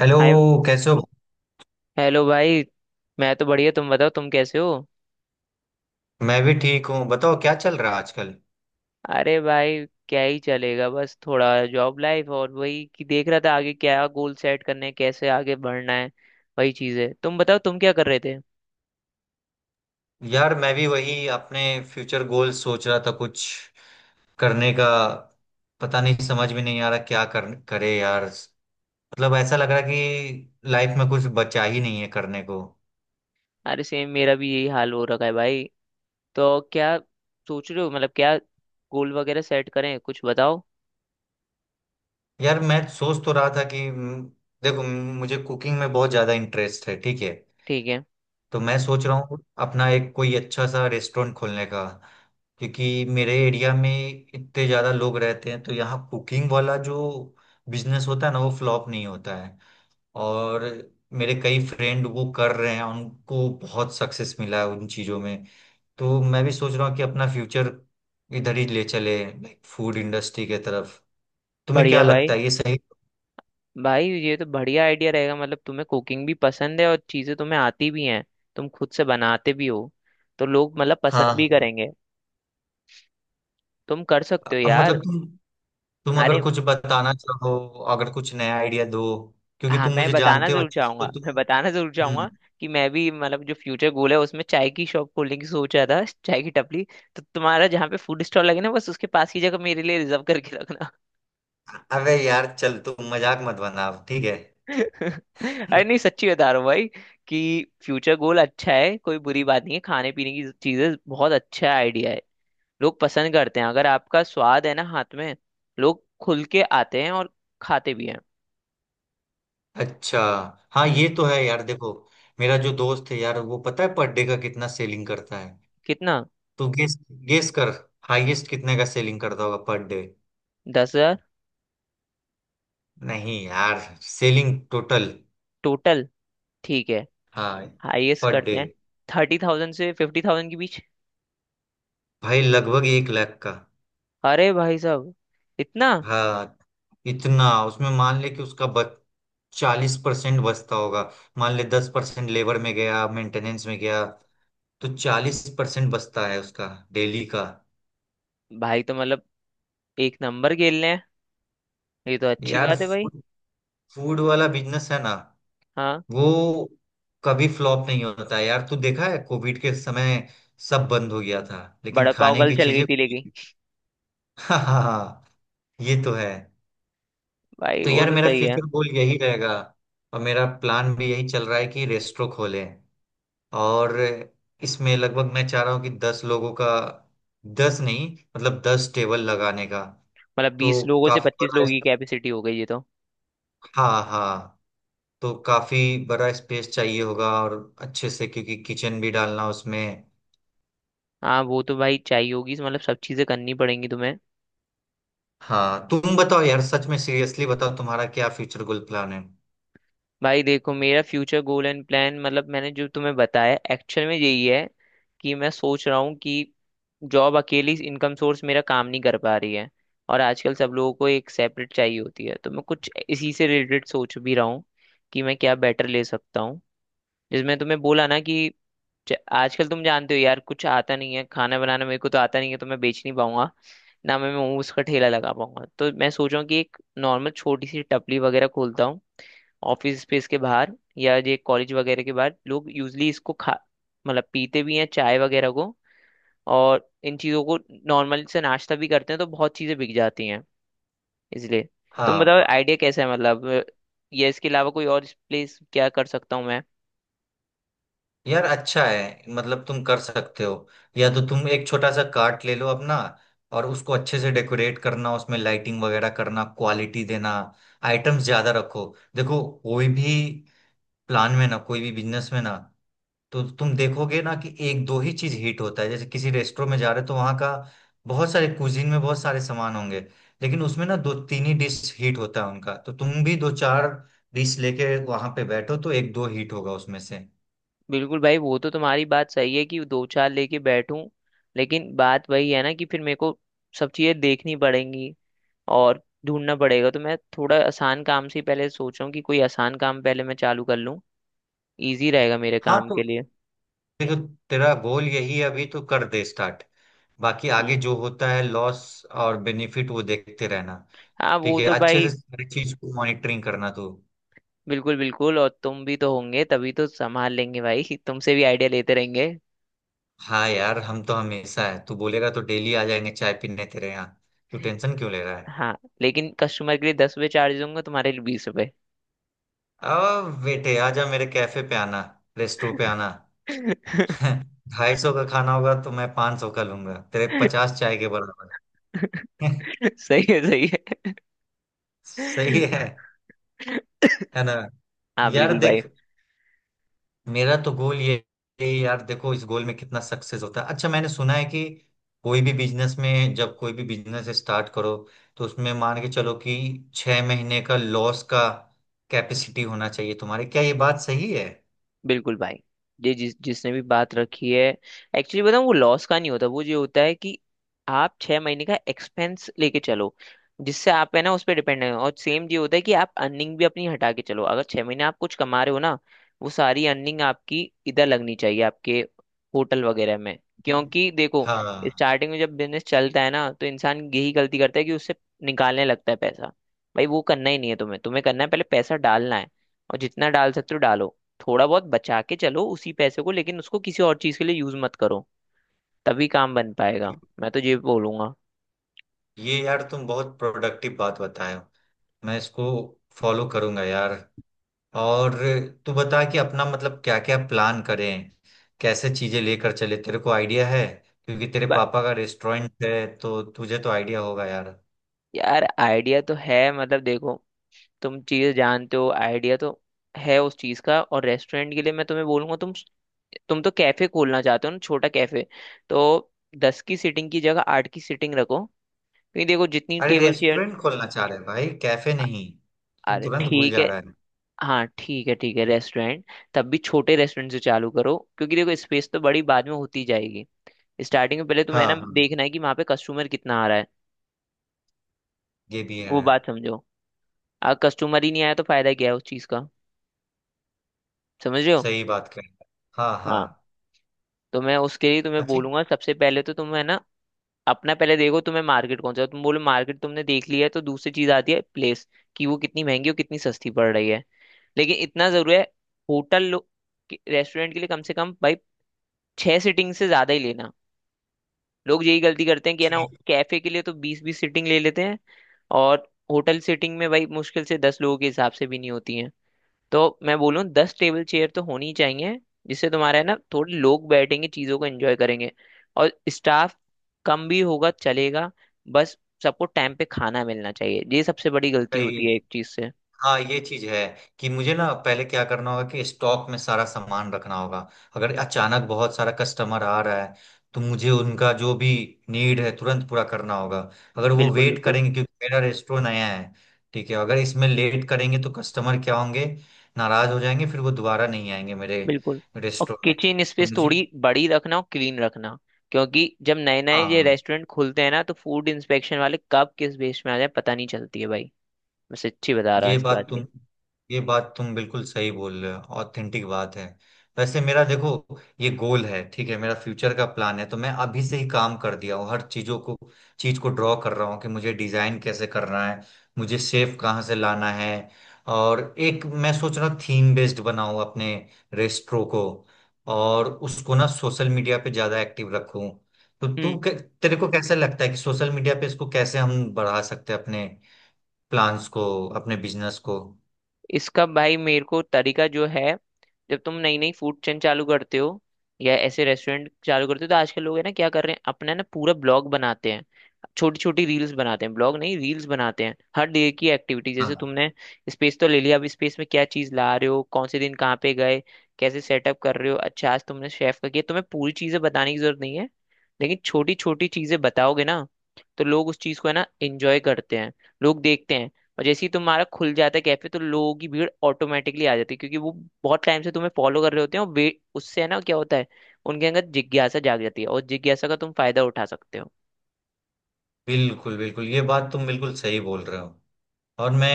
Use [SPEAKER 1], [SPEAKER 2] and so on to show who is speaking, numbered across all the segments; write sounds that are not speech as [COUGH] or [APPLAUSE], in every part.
[SPEAKER 1] Hello.
[SPEAKER 2] Hi
[SPEAKER 1] कैसे हो?
[SPEAKER 2] Hello भाई। मैं तो बढ़िया, तुम बताओ तुम कैसे हो।
[SPEAKER 1] मैं भी ठीक हूँ, बताओ क्या चल रहा है आजकल।
[SPEAKER 2] अरे भाई क्या ही चलेगा, बस थोड़ा जॉब लाइफ और वही कि देख रहा था आगे क्या गोल सेट करने हैं, कैसे आगे बढ़ना है। वही चीज़ है, तुम बताओ तुम क्या कर रहे थे।
[SPEAKER 1] यार मैं भी वही अपने फ्यूचर गोल सोच रहा था कुछ करने का। पता नहीं समझ में नहीं आ रहा क्या कर, करे यार। मतलब ऐसा लग रहा कि लाइफ में कुछ बचा ही नहीं है करने को।
[SPEAKER 2] अरे सेम मेरा भी यही हाल हो रखा है भाई। तो क्या सोच रहे हो, मतलब क्या गोल वगैरह सेट करें, कुछ बताओ।
[SPEAKER 1] यार मैं सोच तो रहा था कि देखो मुझे कुकिंग में बहुत ज़्यादा इंटरेस्ट है। ठीक है।
[SPEAKER 2] ठीक है।
[SPEAKER 1] तो मैं सोच रहा हूँ अपना एक कोई अच्छा सा रेस्टोरेंट खोलने का, क्योंकि मेरे एरिया में इतने ज़्यादा लोग रहते हैं, तो यहाँ कुकिंग वाला जो बिजनेस होता है ना वो फ्लॉप नहीं होता है। और मेरे कई फ्रेंड वो कर रहे हैं, उनको बहुत सक्सेस मिला है उन चीज़ों में। तो मैं भी सोच रहा हूँ कि अपना फ्यूचर इधर ही ले चले, लाइक फूड इंडस्ट्री के तरफ। तुम्हें क्या
[SPEAKER 2] बढ़िया
[SPEAKER 1] लगता
[SPEAKER 2] भाई,
[SPEAKER 1] है, ये सही?
[SPEAKER 2] भाई ये तो बढ़िया आइडिया रहेगा, मतलब तुम्हें कुकिंग भी पसंद है और चीजें तुम्हें आती भी हैं, तुम खुद से बनाते भी हो, तो लोग मतलब
[SPEAKER 1] हाँ,
[SPEAKER 2] पसंद भी
[SPEAKER 1] हाँ।
[SPEAKER 2] करेंगे। तुम कर सकते हो
[SPEAKER 1] अब
[SPEAKER 2] यार।
[SPEAKER 1] मतलब तुम अगर
[SPEAKER 2] अरे
[SPEAKER 1] कुछ बताना चाहो, अगर कुछ नया आइडिया दो, क्योंकि
[SPEAKER 2] हाँ,
[SPEAKER 1] तुम
[SPEAKER 2] मैं
[SPEAKER 1] मुझे
[SPEAKER 2] बताना
[SPEAKER 1] जानते हो
[SPEAKER 2] जरूर
[SPEAKER 1] अच्छे से तो
[SPEAKER 2] चाहूंगा [LAUGHS] मैं
[SPEAKER 1] तुम।
[SPEAKER 2] बताना जरूर चाहूंगा
[SPEAKER 1] हम्म।
[SPEAKER 2] कि मैं भी, मतलब जो फ्यूचर गोल है उसमें चाय की शॉप खोलने की सोच रहा था, चाय की टपली। तो तुम्हारा जहाँ पे फूड स्टॉल लगे ना, बस उसके पास की जगह मेरे लिए रिजर्व करके रखना।
[SPEAKER 1] अबे यार चल तू मजाक मत बना अब, ठीक है।
[SPEAKER 2] [LAUGHS] अरे नहीं सच्ची बता रहा हूँ भाई, कि फ्यूचर गोल अच्छा है, कोई बुरी बात नहीं है, खाने पीने की चीजें बहुत अच्छा आइडिया है। लोग पसंद करते हैं, अगर आपका स्वाद है ना हाथ में, लोग खुल के आते हैं और खाते भी हैं।
[SPEAKER 1] अच्छा। हाँ
[SPEAKER 2] हम्म।
[SPEAKER 1] ये तो है यार। देखो मेरा जो दोस्त है यार, वो पता है पर डे का कितना सेलिंग करता है?
[SPEAKER 2] कितना?
[SPEAKER 1] तू गेस, गेस कर। हाईएस्ट कितने का सेलिंग करता होगा पर डे?
[SPEAKER 2] 10,000।
[SPEAKER 1] नहीं यार, सेलिंग टोटल।
[SPEAKER 2] टोटल? ठीक है।
[SPEAKER 1] हाँ,
[SPEAKER 2] हाईएस्ट
[SPEAKER 1] पर डे।
[SPEAKER 2] करते हैं 30,000 से 50,000 के बीच।
[SPEAKER 1] भाई लगभग 1 लाख का।
[SPEAKER 2] अरे भाई साहब, इतना?
[SPEAKER 1] हाँ, इतना। उसमें मान ले कि उसका बच, 40% बचता होगा। मान ले 10% लेबर में गया, मेंटेनेंस में गया। तो 40% बचता है उसका, डेली का।
[SPEAKER 2] भाई तो मतलब एक नंबर खेल रहे हैं। ये तो अच्छी
[SPEAKER 1] यार
[SPEAKER 2] बात है भाई।
[SPEAKER 1] फूड फूड वाला बिजनेस है ना,
[SPEAKER 2] हाँ।
[SPEAKER 1] वो कभी फ्लॉप नहीं होता है यार। तू देखा है कोविड के समय सब बंद हो गया था, लेकिन
[SPEAKER 2] बड़ा पाव
[SPEAKER 1] खाने
[SPEAKER 2] कल
[SPEAKER 1] की
[SPEAKER 2] चल गई
[SPEAKER 1] चीजें
[SPEAKER 2] थी लेकिन,
[SPEAKER 1] खुली। हाँ, हाँ, हाँ, ये तो है।
[SPEAKER 2] भाई
[SPEAKER 1] तो
[SPEAKER 2] वो
[SPEAKER 1] यार
[SPEAKER 2] तो
[SPEAKER 1] मेरा
[SPEAKER 2] सही है।
[SPEAKER 1] फ्यूचर गोल यही रहेगा, और मेरा प्लान भी यही चल रहा है कि रेस्टोरेंट खोलें। और इसमें लगभग मैं चाह रहा हूँ कि 10 लोगों का, 10 नहीं, मतलब 10 टेबल लगाने का।
[SPEAKER 2] मतलब
[SPEAKER 1] तो
[SPEAKER 2] 20 लोगों से
[SPEAKER 1] काफी
[SPEAKER 2] पच्चीस
[SPEAKER 1] बड़ा
[SPEAKER 2] लोगों की कैपेसिटी हो गई ये तो।
[SPEAKER 1] हाँ, हाँ। तो काफी बड़ा स्पेस चाहिए होगा, और अच्छे से, क्योंकि किचन भी डालना उसमें।
[SPEAKER 2] हाँ वो तो भाई चाहिए होगी, मतलब सब चीजें करनी पड़ेंगी तुम्हें।
[SPEAKER 1] हाँ, तुम बताओ यार, सच में सीरियसली बताओ, तुम्हारा क्या फ्यूचर गोल प्लान है?
[SPEAKER 2] भाई देखो, मेरा फ्यूचर गोल एंड प्लान, मतलब मैंने जो तुम्हें बताया एक्चुअल में यही है कि मैं सोच रहा हूँ कि जॉब अकेली इनकम सोर्स मेरा काम नहीं कर पा रही है, और आजकल सब लोगों को एक सेपरेट चाहिए होती है, तो मैं कुछ इसी से रिलेटेड सोच भी रहा हूँ कि मैं क्या बेटर ले सकता हूँ। जिसमें तुम्हें बोला ना कि आजकल तुम जानते हो यार, कुछ आता नहीं है, खाना बनाना मेरे को तो आता नहीं है, तो मैं बेच नहीं पाऊंगा, ना मैं मोमोज का ठेला लगा पाऊंगा। तो मैं सोच रहा हूँ कि एक नॉर्मल छोटी सी टपली वगैरह खोलता हूँ, ऑफिस स्पेस के बाहर या ये कॉलेज वगैरह के बाहर। लोग यूजली इसको खा, मतलब पीते भी हैं चाय वगैरह को, और इन चीज़ों को, नॉर्मल से नाश्ता भी करते हैं, तो बहुत चीज़ें बिक जाती हैं इसलिए। तुम
[SPEAKER 1] हाँ
[SPEAKER 2] बताओ आइडिया कैसा है, मतलब या इसके अलावा कोई और प्लेस, क्या कर सकता हूँ मैं।
[SPEAKER 1] यार अच्छा है, मतलब तुम कर सकते हो। या तो तुम एक छोटा सा कार्ट ले लो अपना, और उसको अच्छे से डेकोरेट करना, उसमें लाइटिंग वगैरह करना, क्वालिटी देना, आइटम्स ज्यादा रखो। देखो, कोई भी प्लान में ना, कोई भी बिजनेस में ना, तो तुम देखोगे ना कि एक दो ही चीज हिट होता है। जैसे किसी रेस्टोरेंट में जा रहे हो, तो वहाँ का बहुत सारे कुजीन में बहुत सारे सामान होंगे, लेकिन उसमें ना दो तीन ही डिश हिट होता है उनका। तो तुम भी दो चार डिश लेके वहां पे बैठो, तो एक दो हिट होगा उसमें से।
[SPEAKER 2] बिल्कुल भाई, वो तो तुम्हारी बात सही है कि दो चार लेके बैठूं, लेकिन बात वही है ना कि फिर मेरे को सब चीजें देखनी पड़ेंगी और ढूंढना पड़ेगा। तो मैं थोड़ा आसान काम से ही पहले सोच रहा हूँ कि कोई आसान काम पहले मैं चालू कर लूँ, इजी रहेगा मेरे
[SPEAKER 1] हाँ,
[SPEAKER 2] काम
[SPEAKER 1] तो
[SPEAKER 2] के लिए।
[SPEAKER 1] देखो, तेरा गोल यही है अभी, तो कर दे स्टार्ट। बाकी आगे
[SPEAKER 2] हम्म।
[SPEAKER 1] जो होता है लॉस और बेनिफिट, वो देखते रहना।
[SPEAKER 2] हाँ
[SPEAKER 1] ठीक
[SPEAKER 2] वो
[SPEAKER 1] है,
[SPEAKER 2] तो
[SPEAKER 1] अच्छे
[SPEAKER 2] भाई।
[SPEAKER 1] से सारी चीज को मॉनिटरिंग करना तू।
[SPEAKER 2] बिल्कुल बिल्कुल, और तुम भी तो होंगे तभी तो संभाल लेंगे भाई [LAUGHS] तुमसे भी आइडिया लेते रहेंगे।
[SPEAKER 1] हाँ यार, हम तो हमेशा है, तू बोलेगा तो डेली आ जाएंगे चाय पीने तेरे यहाँ। तू टेंशन क्यों ले रहा है?
[SPEAKER 2] हाँ, लेकिन कस्टमर के लिए 10 रुपये चार्ज दूंगा, तुम्हारे लिए 20 रुपये।
[SPEAKER 1] अब बेटे आजा मेरे कैफे पे आना, रेस्टो पे आना।
[SPEAKER 2] [LAUGHS]
[SPEAKER 1] [LAUGHS] 250 का खाना होगा तो मैं 500 का लूंगा तेरे 50 चाय के बराबर। [LAUGHS]
[SPEAKER 2] सही है, सही है
[SPEAKER 1] सही है।
[SPEAKER 2] [LAUGHS]
[SPEAKER 1] है ना?
[SPEAKER 2] हाँ
[SPEAKER 1] यार
[SPEAKER 2] बिल्कुल भाई।
[SPEAKER 1] देख, मेरा तो गोल ये यार, देखो इस गोल में कितना सक्सेस होता है। अच्छा, मैंने सुना है कि कोई भी बिजनेस में, जब कोई भी बिजनेस स्टार्ट करो, तो उसमें मान के चलो कि 6 महीने का लॉस का कैपेसिटी होना चाहिए तुम्हारे। क्या ये बात सही है?
[SPEAKER 2] बिल्कुल भाई, ये जिस जिसने भी बात रखी है, एक्चुअली बताऊँ वो लॉस का नहीं होता, वो ये होता है कि आप 6 महीने का एक्सपेंस लेके चलो, जिससे आप है ना उस पर डिपेंड है। और सेम ये होता है कि आप अर्निंग भी अपनी हटा के चलो, अगर 6 महीने आप कुछ कमा रहे हो ना, वो सारी अर्निंग आपकी इधर लगनी चाहिए, आपके होटल वगैरह में। क्योंकि देखो
[SPEAKER 1] हाँ।
[SPEAKER 2] स्टार्टिंग में जब बिजनेस चलता है ना, तो इंसान यही गलती करता है कि उससे निकालने लगता है पैसा। भाई वो करना ही नहीं है तुम्हें, तुम्हें करना है पहले पैसा डालना है, और जितना डाल सकते हो डालो। थोड़ा बहुत बचा के चलो उसी पैसे को, लेकिन उसको किसी और चीज के लिए यूज मत करो, तभी काम बन पाएगा। मैं तो ये बोलूंगा।
[SPEAKER 1] ये यार तुम बहुत प्रोडक्टिव बात बताए हो, मैं इसको फॉलो करूंगा यार। और तू बता कि अपना, मतलब क्या क्या प्लान करें, कैसे चीजें लेकर चले, तेरे को आइडिया है, क्योंकि तेरे
[SPEAKER 2] ब-
[SPEAKER 1] पापा का रेस्टोरेंट है, तो तुझे तो आइडिया होगा यार।
[SPEAKER 2] यार आइडिया तो है, मतलब देखो, तुम चीज जानते हो आइडिया तो है उस चीज का। और रेस्टोरेंट के लिए मैं तुम्हें बोलूंगा, तुम तो कैफे खोलना चाहते हो ना, छोटा कैफे। तो 10 की सीटिंग की जगह 8 की सीटिंग रखो, क्योंकि देखो जितनी
[SPEAKER 1] अरे
[SPEAKER 2] टेबल चेयर,
[SPEAKER 1] रेस्टोरेंट खोलना चाह रहे हैं भाई, कैफे नहीं, तू
[SPEAKER 2] अरे
[SPEAKER 1] तुरंत भूल
[SPEAKER 2] ठीक
[SPEAKER 1] जा
[SPEAKER 2] है,
[SPEAKER 1] रहा है।
[SPEAKER 2] हाँ ठीक है रेस्टोरेंट, तब भी छोटे रेस्टोरेंट से चालू करो क्योंकि देखो स्पेस तो बड़ी बाद में होती जाएगी। स्टार्टिंग में पहले तुम्हें
[SPEAKER 1] हाँ,
[SPEAKER 2] ना
[SPEAKER 1] हाँ।
[SPEAKER 2] देखना है कि वहां पे कस्टमर कितना आ रहा है।
[SPEAKER 1] ये भी है।
[SPEAKER 2] वो बात समझो, अगर कस्टमर ही नहीं आया तो फायदा क्या है उस चीज का, समझ रहे हो।
[SPEAKER 1] सही बात कह रहा है। हाँ,
[SPEAKER 2] हाँ,
[SPEAKER 1] हाँ।
[SPEAKER 2] तो मैं उसके लिए तुम्हें
[SPEAKER 1] अच्छा।
[SPEAKER 2] बोलूंगा, सबसे पहले तो तुम है ना अपना पहले देखो तुम्हें मार्केट कौन सा है। तुम बोलो मार्केट तुमने देख लिया है, तो दूसरी चीज आती है प्लेस, कि वो कितनी महंगी और कितनी सस्ती पड़ रही है। लेकिन इतना जरूरी है, होटल रेस्टोरेंट के लिए कम से कम भाई 6 सीटिंग से ज्यादा ही लेना। लोग यही गलती करते हैं कि है ना,
[SPEAKER 1] ठीक।
[SPEAKER 2] कैफे के लिए तो 20 20 सीटिंग ले लेते हैं, और होटल सीटिंग में भाई मुश्किल से 10 लोगों के हिसाब से भी नहीं होती हैं। तो मैं बोलूँ 10 टेबल चेयर तो होनी ही चाहिए, जिससे तुम्हारा है ना थोड़े लोग बैठेंगे, चीज़ों को एंजॉय करेंगे, और स्टाफ कम भी होगा चलेगा। बस सबको टाइम पे खाना मिलना चाहिए, ये सबसे बड़ी गलती होती
[SPEAKER 1] सही।
[SPEAKER 2] है एक चीज़ से।
[SPEAKER 1] हाँ, ये चीज है कि मुझे ना पहले क्या करना होगा कि स्टॉक में सारा सामान रखना होगा। अगर अचानक बहुत सारा कस्टमर आ रहा है, तो मुझे उनका जो भी नीड है तुरंत पूरा करना होगा। अगर वो
[SPEAKER 2] बिल्कुल
[SPEAKER 1] वेट
[SPEAKER 2] बिल्कुल
[SPEAKER 1] करेंगे, क्योंकि मेरा रेस्टोरेंट नया है, ठीक है, अगर इसमें लेट करेंगे तो कस्टमर क्या होंगे, नाराज हो जाएंगे, फिर वो दोबारा नहीं आएंगे मेरे
[SPEAKER 2] बिल्कुल। और
[SPEAKER 1] रेस्टोरेंट में।
[SPEAKER 2] किचन
[SPEAKER 1] तो
[SPEAKER 2] स्पेस
[SPEAKER 1] मुझे।
[SPEAKER 2] थोड़ी बड़ी रखना और क्लीन रखना, क्योंकि जब नए नए ये
[SPEAKER 1] हाँ,
[SPEAKER 2] रेस्टोरेंट खुलते हैं ना, तो फूड इंस्पेक्शन वाले कब किस बेस में आ जाए पता नहीं चलती है भाई। मैं सच्ची बता रहा हूँ
[SPEAKER 1] ये
[SPEAKER 2] इस बात
[SPEAKER 1] बात तुम ये बात तुम बिल्कुल सही बोल रहे हो, ऑथेंटिक बात है। वैसे मेरा देखो ये गोल है, ठीक है, मेरा फ्यूचर का प्लान है, तो मैं अभी से ही काम कर दिया हूँ हर चीजों को। चीज को ड्रॉ कर रहा हूँ कि मुझे डिजाइन कैसे करना है, मुझे शेप कहाँ से लाना है। और एक मैं सोच रहा थीम बेस्ड बनाऊँ अपने रेस्ट्रो को, और उसको ना सोशल मीडिया पे ज्यादा एक्टिव रखूँ। तो
[SPEAKER 2] की।
[SPEAKER 1] तेरे को कैसा लगता है कि सोशल मीडिया पे इसको कैसे हम बढ़ा सकते हैं अपने प्लान्स को, अपने बिजनेस को?
[SPEAKER 2] इसका भाई मेरे को तरीका जो है, जब तुम नई नई फूड चेन चालू करते हो या ऐसे रेस्टोरेंट चालू करते हो, तो आजकल लोग है ना क्या कर रहे हैं, अपना ना पूरा ब्लॉग बनाते हैं, छोटी छोटी रील्स बनाते हैं, ब्लॉग नहीं रील्स बनाते हैं, हर डे की एक्टिविटी। जैसे
[SPEAKER 1] हाँ
[SPEAKER 2] तुमने स्पेस तो ले लिया, अब स्पेस में क्या चीज ला रहे हो, कौन से दिन कहाँ पे गए, कैसे सेटअप कर रहे हो, अच्छा आज तुमने शेफ का किया। तुम्हें पूरी चीजें बताने की जरूरत नहीं है, लेकिन छोटी छोटी चीजें बताओगे ना, तो लोग उस चीज को है ना एंजॉय करते हैं, लोग देखते हैं। और जैसे ही तुम्हारा खुल जाता है कैफे, तो लोगों की भीड़ ऑटोमेटिकली आ जाती है, क्योंकि वो बहुत टाइम से तुम्हें फॉलो कर रहे होते हैं। और वे उससे है ना क्या होता है, उनके अंदर जिज्ञासा जाग जाती है, और जिज्ञासा का तुम फायदा उठा सकते हो।
[SPEAKER 1] बिल्कुल बिल्कुल, ये बात तुम बिल्कुल सही बोल रहे हो, और मैं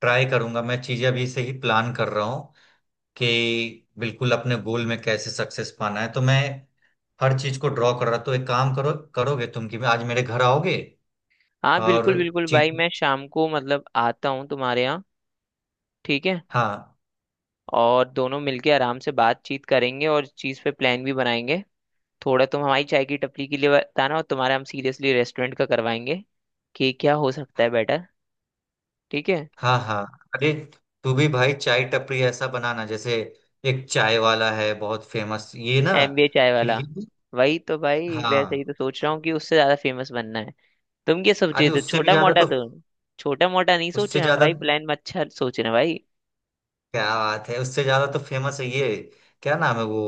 [SPEAKER 1] ट्राई करूंगा। मैं चीजें अभी से ही प्लान कर रहा हूँ कि बिल्कुल अपने गोल में कैसे सक्सेस पाना है। तो मैं हर चीज को ड्रॉ कर रहा। तो एक काम करो, करोगे तुम कि आज मेरे घर आओगे?
[SPEAKER 2] हाँ बिल्कुल
[SPEAKER 1] और
[SPEAKER 2] बिल्कुल भाई,
[SPEAKER 1] चीज।
[SPEAKER 2] मैं शाम को मतलब आता हूँ तुम्हारे यहाँ। ठीक है।
[SPEAKER 1] हाँ।
[SPEAKER 2] और दोनों मिलके आराम से बातचीत करेंगे और इस चीज़ पे प्लान भी बनाएंगे। थोड़ा तुम हमारी चाय की टपरी के लिए बताना, और तुम्हारा हम सीरियसली रेस्टोरेंट का करवाएंगे कि क्या हो सकता है बेटर। ठीक है।
[SPEAKER 1] हाँ, हाँ। अरे तू भी भाई चाय टपरी ऐसा बनाना जैसे एक चाय वाला है बहुत फेमस, ये ना।
[SPEAKER 2] एमबीए चाय
[SPEAKER 1] फिर
[SPEAKER 2] वाला।
[SPEAKER 1] ये।
[SPEAKER 2] वही तो भाई, वैसे
[SPEAKER 1] हाँ,
[SPEAKER 2] ही तो सोच रहा हूँ कि उससे ज्यादा फेमस बनना है। तुम क्या सोचे
[SPEAKER 1] अरे
[SPEAKER 2] तो
[SPEAKER 1] उससे भी
[SPEAKER 2] छोटा
[SPEAKER 1] ज्यादा
[SPEAKER 2] मोटा
[SPEAKER 1] तो।
[SPEAKER 2] तो, छोटा मोटा नहीं सोचे
[SPEAKER 1] उससे
[SPEAKER 2] हम
[SPEAKER 1] ज्यादा?
[SPEAKER 2] भाई, प्लान में अच्छा सोच रहे हैं भाई।
[SPEAKER 1] क्या बात है, उससे ज्यादा तो फेमस है ये। क्या नाम है वो?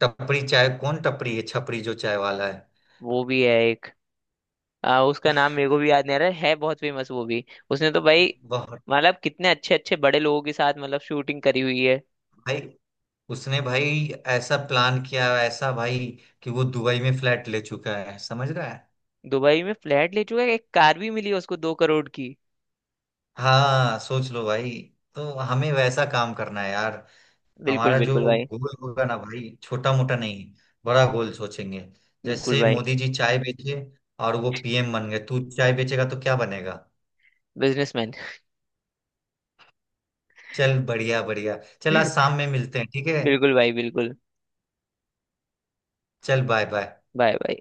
[SPEAKER 1] टपरी चाय, कौन टपरी है, छपरी जो चाय वाला है।
[SPEAKER 2] वो भी है एक, उसका नाम मेरे को भी याद नहीं आ रहा है बहुत फेमस वो भी। उसने तो भाई
[SPEAKER 1] बहुत
[SPEAKER 2] मतलब कितने अच्छे अच्छे बड़े लोगों के साथ, मतलब शूटिंग करी हुई है।
[SPEAKER 1] भाई, उसने भाई ऐसा प्लान किया ऐसा भाई, कि वो दुबई में फ्लैट ले चुका है, समझ रहा है?
[SPEAKER 2] दुबई में फ्लैट ले चुका है, एक कार भी मिली है उसको 2 करोड़ की।
[SPEAKER 1] हाँ, सोच लो भाई। तो हमें वैसा काम करना है यार।
[SPEAKER 2] बिल्कुल
[SPEAKER 1] हमारा जो
[SPEAKER 2] बिल्कुल भाई।
[SPEAKER 1] गोल होगा ना भाई, छोटा मोटा नहीं, बड़ा गोल सोचेंगे।
[SPEAKER 2] बिल्कुल
[SPEAKER 1] जैसे
[SPEAKER 2] भाई।
[SPEAKER 1] मोदी जी चाय बेचे और वो पीएम बन गए, तू चाय बेचेगा तो क्या बनेगा?
[SPEAKER 2] बिजनेसमैन।
[SPEAKER 1] चल बढ़िया बढ़िया। चल आज
[SPEAKER 2] [LAUGHS]
[SPEAKER 1] शाम में मिलते हैं, ठीक है।
[SPEAKER 2] बिल्कुल भाई बिल्कुल।
[SPEAKER 1] चल बाय बाय।
[SPEAKER 2] Bye bye.